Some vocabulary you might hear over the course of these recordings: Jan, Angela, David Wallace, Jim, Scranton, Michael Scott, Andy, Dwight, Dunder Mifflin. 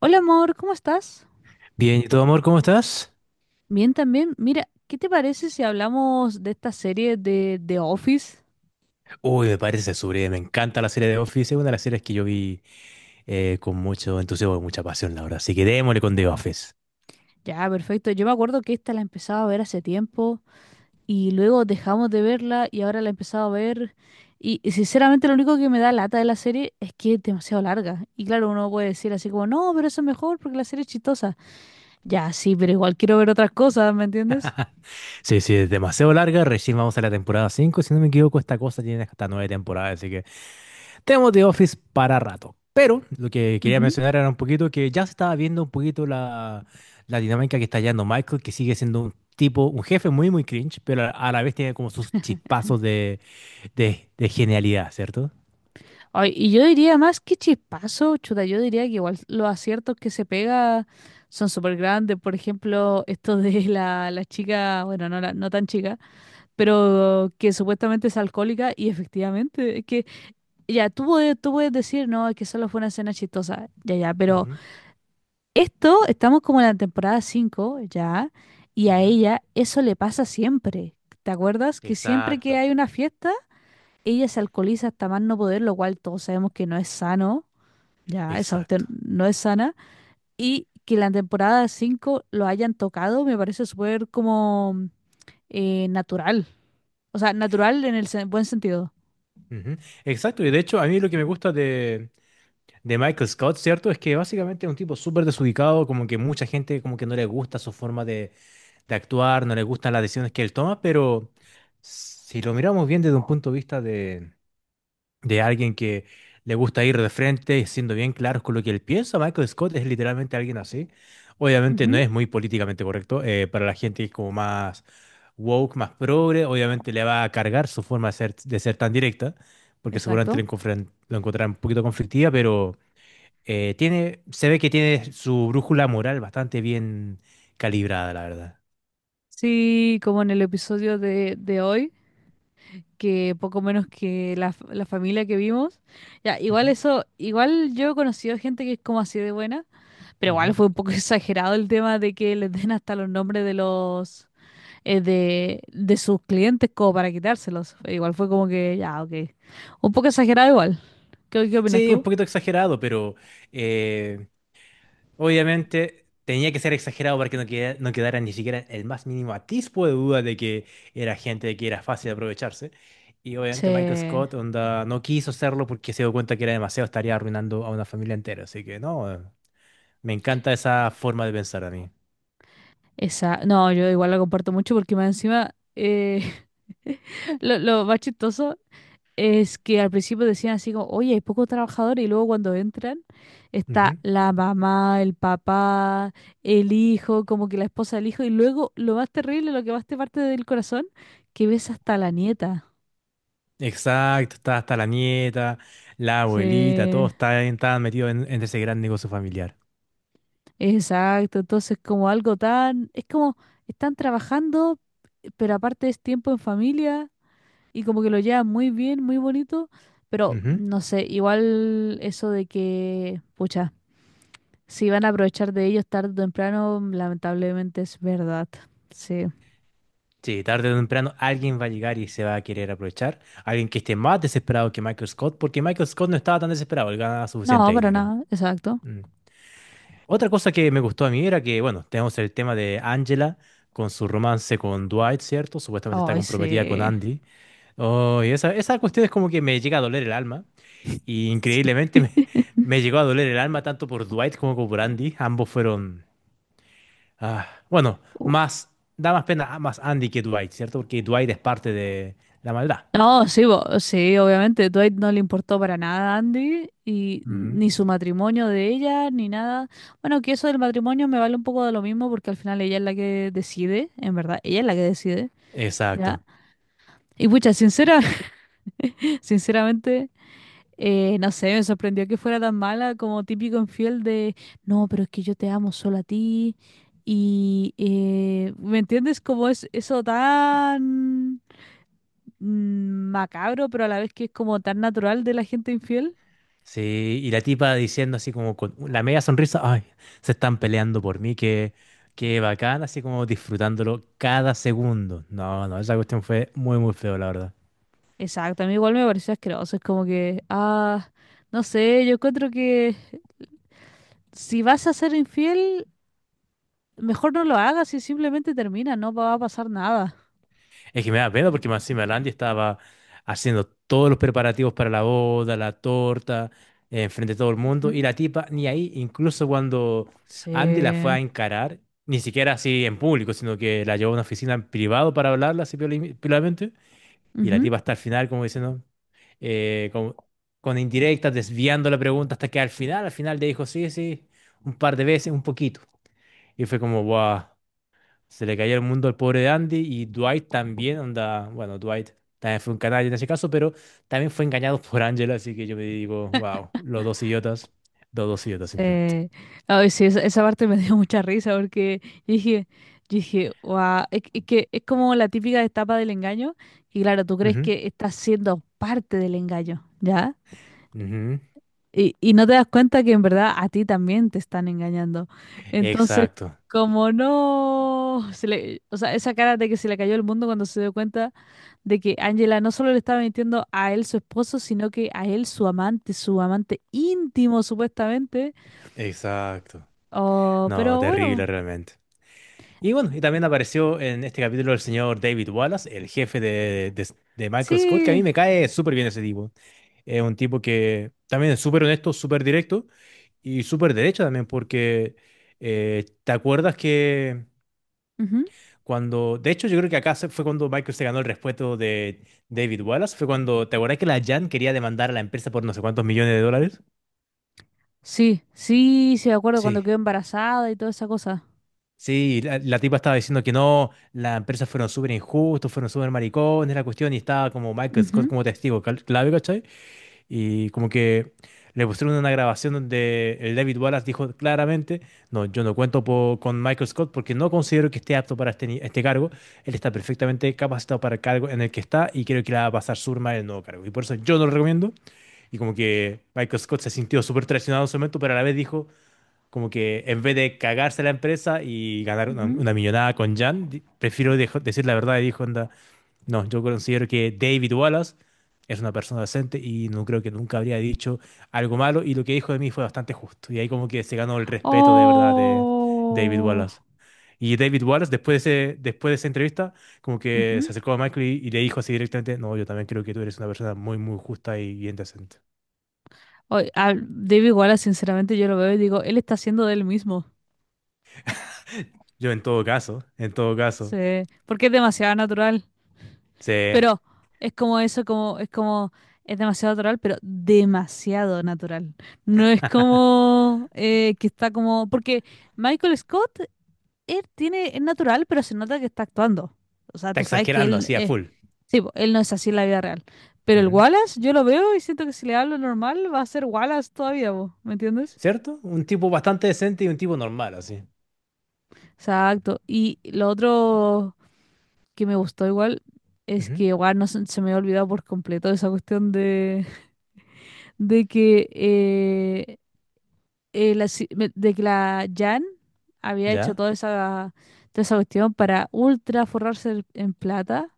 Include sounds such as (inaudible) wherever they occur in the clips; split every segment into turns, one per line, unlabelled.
Hola amor, ¿cómo estás?
Bien, ¿y tú, amor, cómo estás?
Bien también. Mira, ¿qué te parece si hablamos de esta serie de The Office?
Uy, me parece sublime, me encanta la serie de Office, es una de las series que yo vi con mucho entusiasmo y mucha pasión, la verdad. Así que démosle con The Office.
Ya, perfecto. Yo me acuerdo que esta la empezaba a ver hace tiempo y luego dejamos de verla y ahora la he empezado a ver. Y sinceramente lo único que me da lata de la serie es que es demasiado larga. Y claro, uno puede decir así como, no, pero eso es mejor porque la serie es chistosa. Ya, sí, pero igual quiero ver otras cosas, ¿me entiendes?
Sí, sí, es demasiado larga, recién vamos a la temporada 5, si no me equivoco, esta cosa tiene hasta 9 temporadas, así que tenemos The Office para rato. Pero lo que quería
Ujú.
mencionar era un poquito que ya se estaba viendo un poquito la dinámica que está hallando Michael, que sigue siendo un tipo, un jefe muy, muy cringe, pero a la vez tiene como sus chispazos de, de genialidad, ¿cierto?
Ay, y yo diría más que chispazo, chuta, yo diría que igual los aciertos que se pega son súper grandes. Por ejemplo, esto de (laughs) la chica, bueno, no, no tan chica, pero que supuestamente es alcohólica y efectivamente, es que ya, tú puedes decir, no, es que solo fue una escena chistosa, ya, ya, pero
Ujú,
estamos como en la temporada 5 ya, y a
ujú.
ella eso le pasa siempre. ¿Te acuerdas que siempre que
Exacto,
hay una fiesta, ella se alcoholiza hasta más no poder, lo cual todos sabemos que no es sano? Ya, esa
exacto.
cuestión no es sana. Y que la temporada 5 lo hayan tocado me parece súper como natural. O sea, natural en el buen sentido.
Ujú. Exacto, y de hecho a mí lo que me gusta de Michael Scott, ¿cierto? Es que básicamente es un tipo súper desubicado, como que mucha gente como que no le gusta su forma de actuar, no le gustan las decisiones que él toma, pero si lo miramos bien desde un punto de vista de alguien que le gusta ir de frente, y siendo bien claros con lo que él piensa, Michael Scott es literalmente alguien así. Obviamente no
Ujú,
es muy políticamente correcto, para la gente que es como más woke, más progre, obviamente le va a cargar su forma de ser tan directa, porque seguramente
exacto.
lo encontrarán un poquito conflictiva, pero... tiene, se ve que tiene su brújula moral bastante bien calibrada, la verdad.
Sí, como en el episodio de hoy, que poco menos que la, la familia que vimos. Ya, igual
Ujú,
eso, igual yo he conocido gente que es como así de buena, pero igual
ujú.
fue un poco (laughs) exagerado el tema de que les den hasta los nombres de los... de sus clientes como para quitárselos. Igual fue como que, ya, ok. Un poco exagerado igual. ¿ qué opinas
Sí, un
tú?
poquito exagerado, pero eh, obviamente tenía que ser exagerado para que no quedara ni siquiera el más mínimo atisbo de duda de que era gente que era fácil de aprovecharse. Y obviamente Michael
Che,
Scott onda, no quiso hacerlo porque se dio cuenta que era demasiado, estaría arruinando a una familia entera. Así que no, me encanta esa forma de pensar a mí.
esa... No, yo igual la comparto mucho porque más encima (laughs) lo más chistoso es que al principio decían así como, oye, hay pocos trabajadores y luego cuando entran está la mamá, el papá, el hijo, como que la esposa del hijo y luego lo más terrible, lo que más te parte del corazón, que ves hasta la nieta.
Exacto, está hasta la nieta, la abuelita,
Sí.
todos están, estaban metidos en ese gran negocio familiar.
Exacto, entonces como algo tan, es como están trabajando, pero aparte es tiempo en familia y como que lo llevan muy bien, muy bonito, pero
Ujú.
no sé, igual eso de que, pucha, si van a aprovechar de ellos tarde o temprano, lamentablemente es verdad. Sí.
Sí, tarde o temprano alguien va a llegar y se va a querer aprovechar. Alguien que esté más desesperado que Michael Scott, porque Michael Scott no estaba tan desesperado, él ganaba
No,
suficiente
para
dinero.
nada, exacto.
Mm. Otra cosa que me gustó a mí era que, bueno, tenemos el tema de Angela con su romance con Dwight, ¿cierto? Supuestamente está
Ay,
comprometida con
sí.
Andy. Oh, y esa cuestión es como que me llega a doler el alma. Y
Sí.
increíblemente me,
(laughs)
(laughs) me llegó a doler el alma tanto por Dwight como por Andy. Ambos fueron... ah, bueno, más... Da más pena más Andy que Dwight, ¿cierto? Porque Dwight es parte de la maldad.
No, sí, sí, obviamente. Dwight no le importó para nada a Andy, y ni
Ujú.
su matrimonio de ella, ni nada. Bueno, que eso del matrimonio me vale un poco de lo mismo, porque al final ella es la que decide, en verdad, ella es la que decide, ¿ya?
Exacto.
Y pucha, (laughs) sinceramente, no sé, me sorprendió que fuera tan mala como típico infiel de, no, pero es que yo te amo solo a ti. Y, ¿me entiendes? Como es eso tan macabro, pero a la vez que es como tan natural de la gente infiel.
Sí, y la tipa diciendo así como con la media sonrisa, ay, se están peleando por mí, qué, qué bacán, así como disfrutándolo cada segundo. No, no, esa cuestión fue muy, muy feo, la verdad.
Exacto, a mí igual me pareció asqueroso. Es como que, ah, no sé, yo encuentro que si vas a ser infiel, mejor no lo hagas y simplemente termina, no va a pasar nada.
Es que me da pena porque más encima el estaba haciendo todos los preparativos para la boda, la torta, enfrente de todo el mundo, y
Ujú.
la tipa ni ahí, incluso cuando Andy la fue
Sí.
a encarar, ni siquiera así en público, sino que la llevó a una oficina en privado para hablarla así piolamente, y la
Ujú.
tipa hasta el final como diciendo, como- con indirectas, desviando la pregunta hasta que al final le dijo, sí, sí, un par de veces, un poquito. Y fue como, wow, se le caía el mundo al pobre de Andy y Dwight también, onda, bueno, Dwight también fue un canalla en ese caso, pero también fue engañado por Angela, así que yo me digo, wow, los dos idiotas simplemente.
Sí. Ay, sí, esa parte me (laughs) dio mucha risa porque yo dije, yo dije, wow, es que es como la típica etapa del engaño, y claro, tú crees
Ujú,
que estás siendo parte del engaño, ¿ya?
ujú.
Y no te das cuenta que en verdad a ti también te están engañando. Entonces,
Exacto,
como no, o sea, esa cara de que se le cayó el mundo cuando se dio cuenta de que Angela no solo le estaba mintiendo a él, su esposo, sino que a él, su amante íntimo, supuestamente.
exacto.
Oh,
No,
pero
terrible
bueno,
realmente. Y bueno, y también apareció en este capítulo el señor David Wallace, el jefe de Michael Scott, que a mí
sí.
me cae súper bien ese tipo. Es un tipo que también es súper honesto, súper directo. Y súper derecha también, porque te acuerdas que
Ujú.
cuando, de hecho yo creo que acá fue cuando Michael se ganó el respeto de David Wallace, fue cuando, ¿te acuerdas que la Jan quería demandar a la empresa por no sé cuántos millones de dólares?
Sí, sí, sí, me acuerdo cuando
Sí,
quedó embarazada y toda esa cosa.
sí, la tipa estaba diciendo que no, las empresas fueron súper injustos, fueron súper maricones, la cuestión, y estaba como Michael Scott
Ujú,
como testigo clave, ¿cachai? Y como que le pusieron una grabación donde el David Wallace dijo claramente, no, yo no cuento con Michael Scott porque no considero que esté apto para este, este cargo. Él está perfectamente capacitado para el cargo en el que está y creo que le va a pasar surma en el nuevo cargo. Y por eso yo no lo recomiendo. Y como que Michael Scott se sintió súper traicionado en su momento, pero a la vez dijo como que en vez de cagarse la empresa y ganar
ujú.
una millonada con Jan, prefiero decir la verdad y dijo, onda, no, yo considero que David Wallace es una persona decente y no creo que nunca habría dicho algo malo y lo que dijo de mí fue bastante justo. Y ahí como que se ganó el respeto de verdad de David
Oh.
Wallace. Y David Wallace, después de, después de esa entrevista, como que se
Ujú.
acercó a Michael y le dijo así directamente, no, yo también creo que tú eres una persona muy, muy justa y bien decente.
O- a David Wallace, sinceramente, yo lo veo y digo, él está haciendo de él mismo.
Yo en todo caso,
Porque es demasiado natural.
se
Pero es como eso, es como, es demasiado natural, pero demasiado natural. No es como que está como. Porque Michael Scott, es natural, pero se nota que está actuando. O sea,
está
tú sabes que
exagerando
él
así a
es.
full.
Sí, po, él no es así en la vida real. Pero el
Ujú.
Wallace, yo lo veo y siento que si le hablo normal, va a ser Wallace todavía, po, ¿me entiendes?
¿Cierto? Un tipo bastante decente y un tipo normal así.
Exacto. Y lo otro. Que me gustó igual es
Ujú.
que igual no se, se me había olvidado por completo esa cuestión de que la, si- me- de que la Jan había hecho
¿Ya?
toda esa cuestión para ultra forrarse en plata.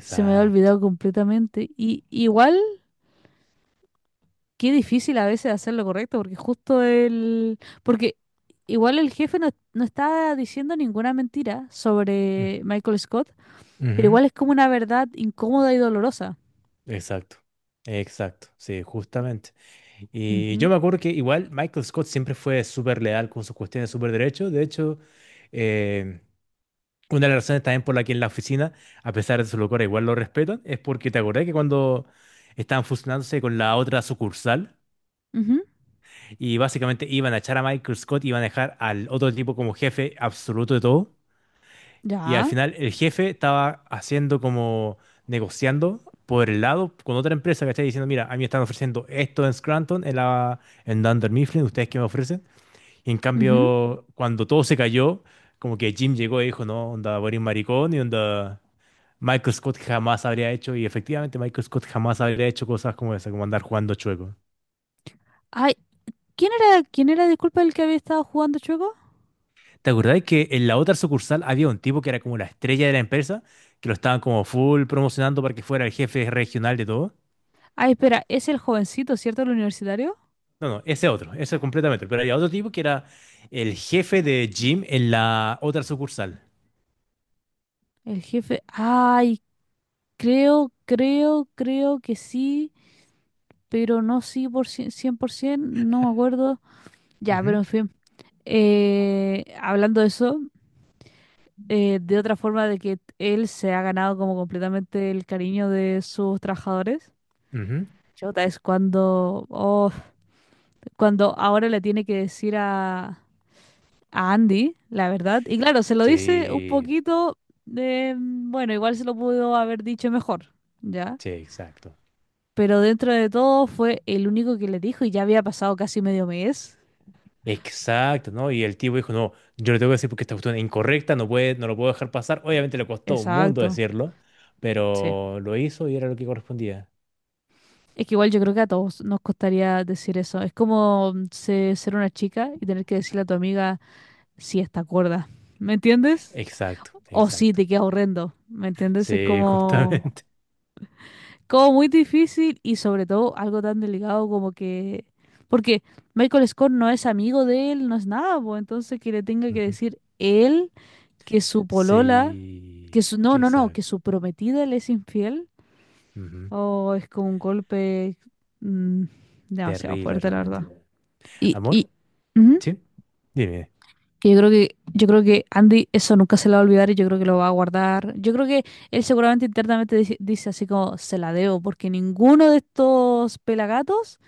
Se me había olvidado completamente. Y igual, qué difícil a veces hacer lo correcto, porque justo el... Porque igual el jefe no está diciendo ninguna mentira sobre Michael Scott, pero
Ujú,
igual es como una verdad incómoda y dolorosa.
exacto, exacto, sí, justamente. Y yo me acuerdo que igual Michael Scott siempre fue súper leal con sus cuestiones súper derechos. De hecho, eh, una de las razones también por la que en la oficina, a pesar de su locura, igual lo respetan, es porque te acordás que cuando estaban fusionándose con la otra sucursal
Ujú.
y básicamente iban a echar a Michael Scott, iban a dejar al otro tipo como jefe absoluto de todo. Y al
Ya.
final el jefe estaba haciendo como negociando por el lado con otra empresa, ¿cachai? Diciendo, mira, a mí me están ofreciendo esto en Scranton, en, la, en Dunder Mifflin, ¿ustedes qué me ofrecen? Y en
Ujú.
cambio, cuando todo se cayó, como que Jim llegó y dijo, no, onda, Boris maricón y onda, Michael Scott jamás habría hecho, y efectivamente Michael Scott jamás habría hecho cosas como esa, como andar jugando chueco.
Ay, ¿quién era, disculpa, el que había estado jugando chueco?
¿Te acordás que en la otra sucursal había un tipo que era como la estrella de la empresa, que lo estaban como full promocionando para que fuera el jefe regional de todo?
Ay, espera, es el jovencito, ¿cierto? El universitario.
No, no, ese otro, ese completamente. Pero había otro tipo que era el jefe de Jim en la otra sucursal.
El jefe. Ay, creo que sí, pero no sí por 100%, no me acuerdo. Ya, pero
Ujú,
en fin. Hablando de eso, de otra forma de que él se ha ganado como completamente el cariño de sus trabajadores.
ujú.
Chota, es cuando, oh, cuando ahora le tiene que decir a Andy, la verdad. Y claro, se lo dice un
Sí,
poquito de, mm, bueno, igual se lo pudo haber dicho mejor, ¿ya?
sí, exacto.
Pero dentro de todo fue el único que le dijo y ya había pasado casi medio mes.
Exacto, ¿no? Y el tipo dijo, no, yo le tengo que decir porque esta cuestión es incorrecta, no puede, no lo puedo dejar pasar. Obviamente le costó un mundo
Exacto,
decirlo,
sí.
pero lo hizo y era lo que correspondía.
Es que igual yo creo que a todos nos costaría decir eso. Es como mm, ser una chica y tener que decirle a tu amiga si está cuerda. ¿Me entiendes?
Exacto,
O si
exacto.
te queda horrendo. ¿Me entiendes? Es
Sí, (laughs)
como...
justamente.
como muy difícil y sobre todo algo tan delicado como que... Porque Michael Scott no es amigo de él, no es nada, pues entonces que le tenga que
Ujú.
decir él que su polola, que
Sí,
su... No, no, no, que
exacto.
su prometida le es infiel,
Ujú.
o es como un golpe mm, demasiado
Terrible
fuerte, la verdad.
realmente.
Y...
Amor,
Ujú.
¿sí? Dime.
Que yo creo que, yo creo que Andy eso nunca se lo va a olvidar y yo creo que lo va a guardar. Yo creo que él seguramente internamente dice así como se la debo, porque ninguno de estos pelagatos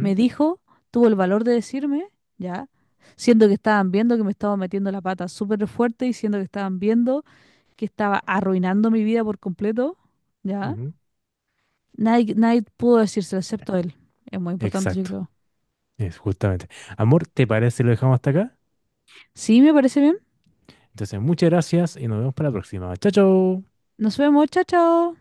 me dijo, tuvo el valor de decirme, ya, siendo que estaban viendo que me estaba metiendo la pata súper fuerte y siendo que estaban viendo que estaba arruinando mi vida por completo, ya.
Ujú,
Nadie, nadie pudo decírselo excepto él. Es muy importante, yo
exacto,
creo.
es justamente. Amor, ¿te parece si lo dejamos hasta acá?
Sí, me parece bien.
Entonces, muchas gracias y nos vemos para la próxima. Chao, chao.
Nos vemos, chao, chao.